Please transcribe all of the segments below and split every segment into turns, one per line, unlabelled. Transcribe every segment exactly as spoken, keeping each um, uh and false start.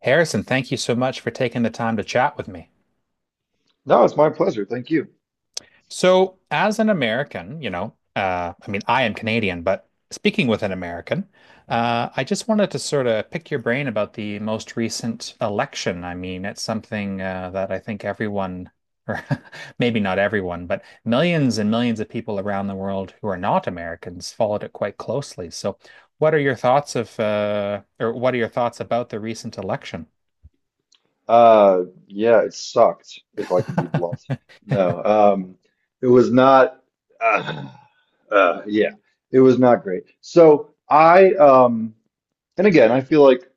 Harrison, thank you so much for taking the time to chat with me.
No, it's my pleasure. Thank you.
So, as an American, you know, uh, I mean, I am Canadian, but speaking with an American, uh, I just wanted to sort of pick your brain about the most recent election. I mean, it's something uh, that I think everyone, or maybe not everyone, but millions and millions of people around the world who are not Americans followed it quite closely. So, what are your thoughts of, uh, or what are your thoughts about the recent election?
Uh, yeah, it sucked, if I can be blunt. No, um, it was not. Uh, uh, yeah, it was not great. So I, um, and again, I feel like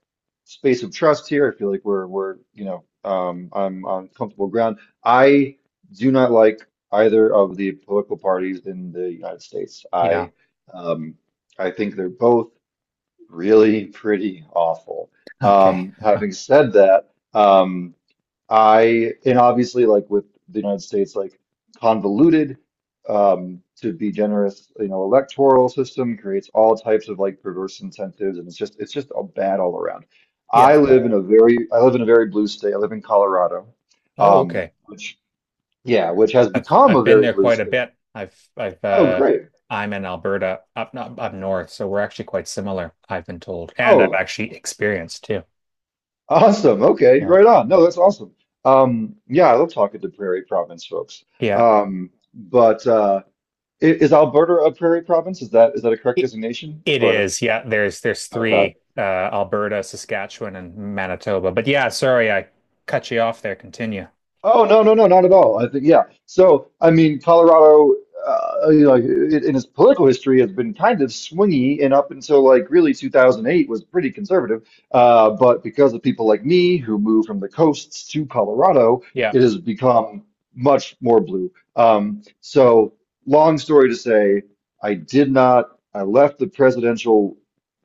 space of trust here. I feel like we're we're you know um, I'm on comfortable ground. I do not like either of the political parties in the United States. I
Yeah.
um, I think they're both. really pretty awful.
Okay.
Um, having said that, um, I, and obviously, like with the United States, like convoluted, um, to be generous, you know, electoral system creates all types of like perverse incentives, and it's just, it's just a bad all around.
Yeah.
I live in a very, I live in a very blue state. I live in Colorado,
Oh,
um,
okay.
which, yeah, which has
I've
become a
I've been
very
there
blue
quite a
state.
bit. I've I've
Oh,
uh
great.
I'm in Alberta up not up north, so we're actually quite similar, I've been told. And I've
Oh.
actually experienced too.
Awesome. Okay.
Yeah.
Right on. No, that's awesome. Um, yeah, I love talking to Prairie Province folks.
Yeah.
Um, but uh, i- is Alberta a Prairie Province? Is that is that a correct
It,
designation?
it
Or
is. Yeah, there's there's
okay.
three uh Alberta, Saskatchewan, and Manitoba. But yeah, sorry, I cut you off there. Continue.
Oh no, no, no, not at all. I think yeah. So I mean, Colorado, uh, you know, like it, in its political history, has been kind of swingy, and up until like really two thousand eight was pretty conservative. Uh, but because of people like me who moved from the coasts to Colorado,
Yeah.
it has become much more blue. Um, so long story to say, I did not. I left the presidential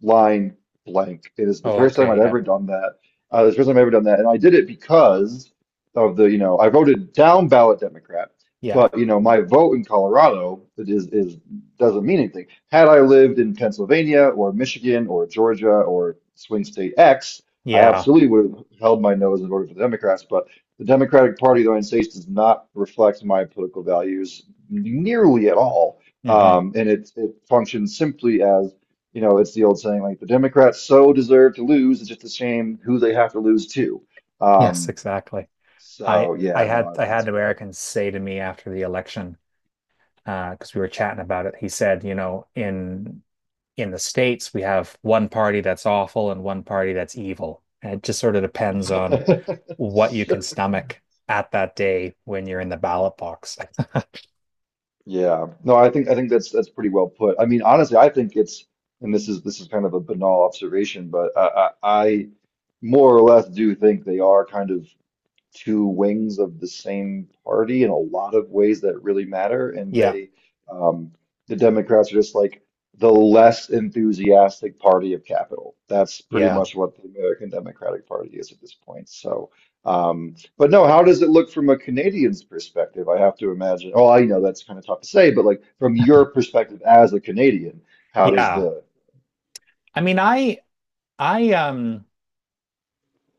line blank. It is the
Oh,
first time I've
okay. Yeah.
ever done that. Uh, the first time I've ever done that, and I did it because of the, you know, I voted down ballot Democrat,
Yeah.
but you know, my vote in Colorado is is doesn't mean anything. Had I lived in Pennsylvania or Michigan or Georgia or swing state X, I
Yeah.
absolutely would have held my nose and voted for the Democrats. But the Democratic Party of the United States does not reflect my political values nearly at all,
Hmm.
um, and it it functions simply as you know, it's the old saying, like the Democrats so deserve to lose, it's just a shame who they have to lose to.
Yes,
Um,
exactly. I
so
I
yeah, no,
had
I
I
mean
had
it's
Americans say to me after the election because uh, we were chatting about it. He said, you know, in in the States, we have one party that's awful and one party that's evil. And it just sort of depends on
bad.
what you can stomach at that day when you're in the ballot box.
Yeah. No, I think I think that's that's pretty well put. I mean, honestly, I think it's and this is this is kind of a banal observation, but I I, I more or less do think they are kind of two wings of the same party in a lot of ways that really matter. And
Yeah,
they, um, the Democrats are just like the less enthusiastic party of capital. That's pretty
yeah,
much what the American Democratic Party is at this point. So, um, but no, how does it look from a Canadian's perspective? I have to imagine. Oh, I know that's kind of tough to say, but like from your perspective as a Canadian, how does
yeah.
the,
I mean, I I um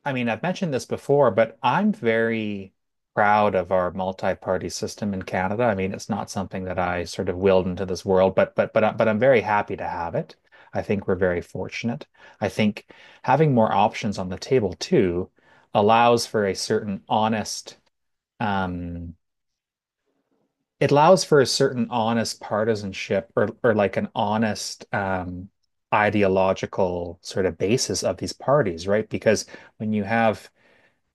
I mean, I've mentioned this before, but I'm very proud of our multi-party system in Canada. I mean, it's not something that I sort of willed into this world, but but but uh, but I'm very happy to have it. I think we're very fortunate. I think having more options on the table too allows for a certain honest um it allows for a certain honest partisanship or or like an honest um ideological sort of basis of these parties, right? Because when you have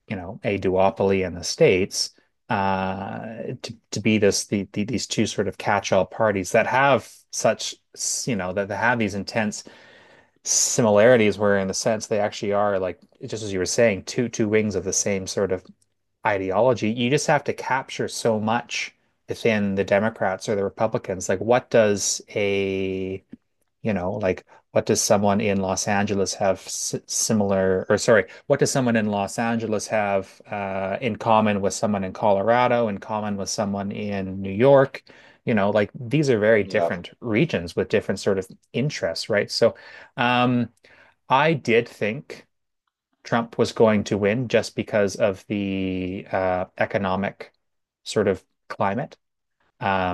you know, a duopoly in the States, uh, to, to be this the, the these two sort of catch-all parties that have such you know that, that have these intense similarities where in the sense they actually are like just as you were saying two two wings of the same sort of ideology you just have to capture so much within the Democrats or the Republicans like what does a you know, like what does someone in Los Angeles have s similar, or sorry, what does someone in Los Angeles have uh, in common with someone in Colorado, in common with someone in New York? You know, like these are very
yeah,
different regions with different sort of interests, right? So, um, I did think Trump was going to win just because of the uh, economic sort of climate.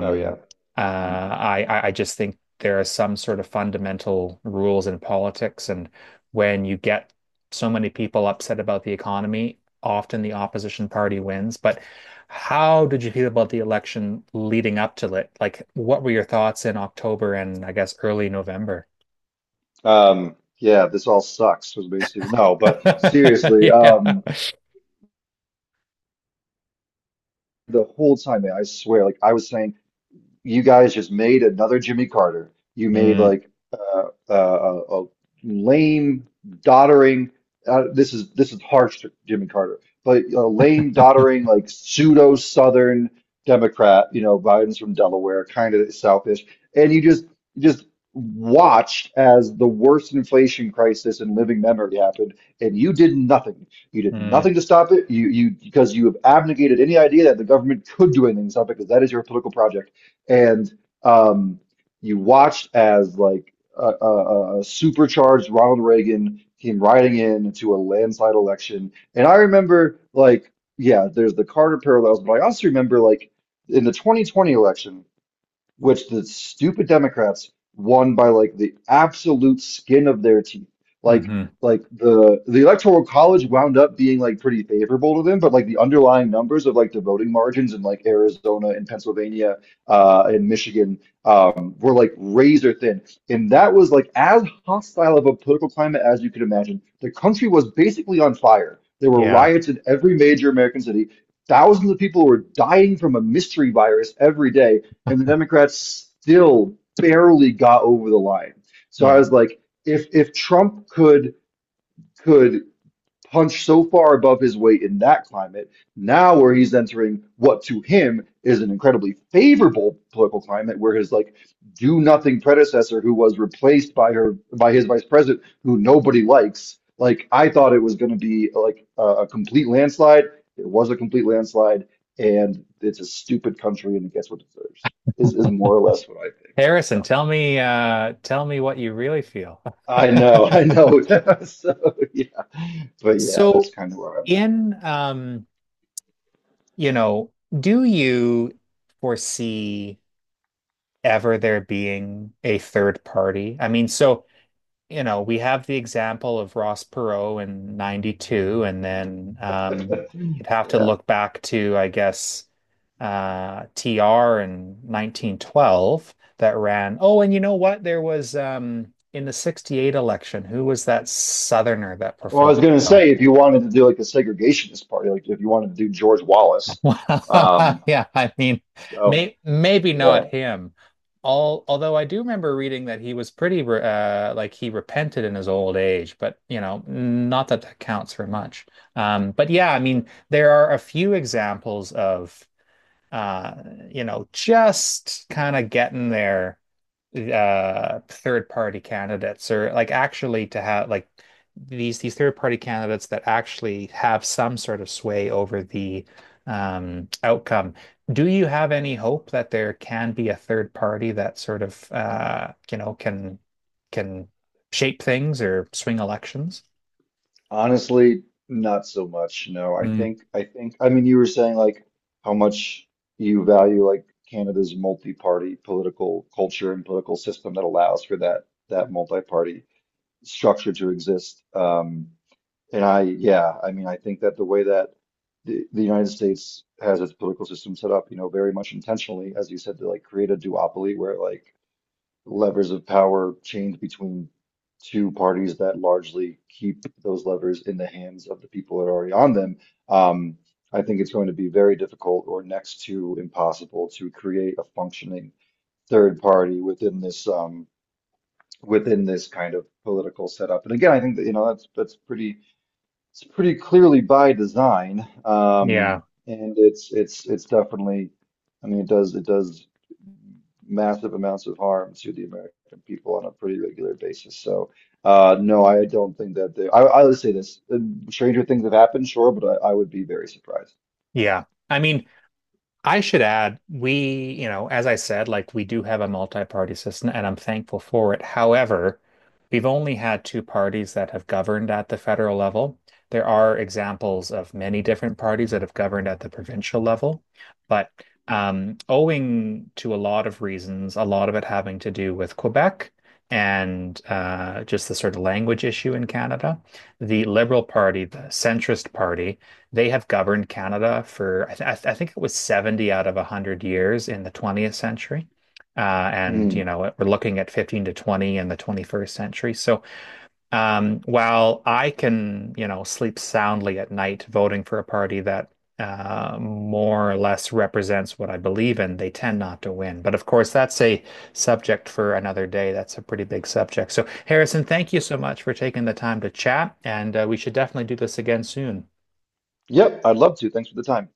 oh yeah.
uh,
Mhm.
I I I just think there are some sort of fundamental rules in politics, and when you get so many people upset about the economy, often the opposition party wins. But how did you feel about the election leading up to it? Like, what were your thoughts in October and I guess early November?
Um, yeah, this all sucks was basically no, but seriously,
Yeah.
um, the whole time, man, I swear, like I was saying. You guys just made another Jimmy Carter. You made
Mm,
like uh, uh, a, a lame, doddering. Uh, this is this is harsh to Jimmy Carter, but a lame,
mm,
doddering, like pseudo Southern Democrat. You know, Biden's from Delaware, kind of Southish, and you just you just watched as the worst inflation crisis in living memory happened, and you did nothing. You did
hmm.
nothing to stop it. You you because you have abnegated any idea that the government could do anything to stop it, because that is your political project and um, you watched as like a, a, a a supercharged Ronald Reagan came riding in to a landslide election. And I remember like, yeah, there's the Carter parallels, but I also remember like in the twenty twenty election which the stupid Democrats won by like the absolute skin of their teeth. Like
Mm-hmm.
like the the Electoral College wound up being like pretty favorable to them, but like the underlying numbers of like the voting margins in like Arizona and Pennsylvania uh and Michigan um were like razor thin. And that was like as hostile of a political climate as you could imagine. The country was basically on fire. There were
Yeah.
riots in every major American city. Thousands of people were dying from a mystery virus every day and the Democrats still barely got over the line. So I
Yeah.
was like, if if Trump could could punched so far above his weight in that climate, now where he's entering what to him is an incredibly favorable political climate, where his like do nothing predecessor, who was replaced by her by his vice president, who nobody likes. Like I thought it was going to be like a, a complete landslide. It was a complete landslide, and it's a stupid country, and it gets what it deserves. Is is more or less what I think.
Harrison,
So
tell me, uh, tell me what you really feel.
I know, I know. So yeah, but yeah, that's
So
kind of where I'm at.
in um, you know, do you foresee ever there being a third party? I mean, so you know, we have the example of Ross Perot in ninety-two, and then um, you'd have to
Yeah.
look back to, I guess, uh, T R in nineteen twelve that ran. Oh, and you know what? There was um, in the sixty-eight election, who was that Southerner that
Well, I
performed?
was going to
Well?
say, if you wanted to do like a segregationist party, like if you wanted to do George Wallace,
Wow.
um,
Yeah, I mean,
so
may, maybe not
yeah,
him. All, although I do remember reading that he was pretty, re- uh, like he repented in his old age, but you know, not that that counts for much. Um, but yeah, I
sure.
mean, there are a few examples of, uh, you know, just kind of getting there uh third party candidates or like actually to have like these these third party candidates that actually have some sort of sway over the um outcome. Do you have any hope that there can be a third party that sort of uh you know can can shape things or swing elections?
Honestly, not so much. No, I
Mm,
think, I think, I mean, you were saying like how much you value like Canada's multi-party political culture and political system that allows for that that multi-party structure to exist. Um, And I, yeah, I mean, I think that the way that the, the United States has its political system set up, you know, very much intentionally, as you said, to like create a duopoly where like levers of power change between two parties that largely keep those levers in the hands of the people that are already on them. Um, I think it's going to be very difficult or next to impossible to create a functioning third party within this um, within this kind of political setup. And again, I think that, you know, that's that's pretty it's pretty clearly by design, um,
yeah.
and it's it's it's definitely, I mean, it does it does massive amounts of harm to the American people on a pretty regular basis. So, uh, no, I don't think that they. I, I would say this: uh, stranger things have happened, sure, but I, I would be very surprised.
Yeah. I mean, I should add, we, you know, as I said, like we do have a multi-party system and I'm thankful for it. However, we've only had two parties that have governed at the federal level. There are examples of many different parties that have governed at the provincial level, but um, owing to a lot of reasons, a lot of it having to do with Quebec and uh, just the sort of language issue in Canada, the Liberal Party, the centrist party, they have governed Canada for, I, th I th I think it was seventy out of a hundred years in the twentieth century. Uh, and, you
Hmm.
know, we're looking at fifteen to twenty in the twenty-first century. So um, while I can, you know, sleep soundly at night voting for a party that uh, more or less represents what I believe in, they tend not to win. But of course, that's a subject for another day. That's a pretty big subject. So, Harrison, thank you
Sure.
so much for taking the time to chat, and uh, we should definitely do this again soon.
Yep, I'd love to. Thanks for the time.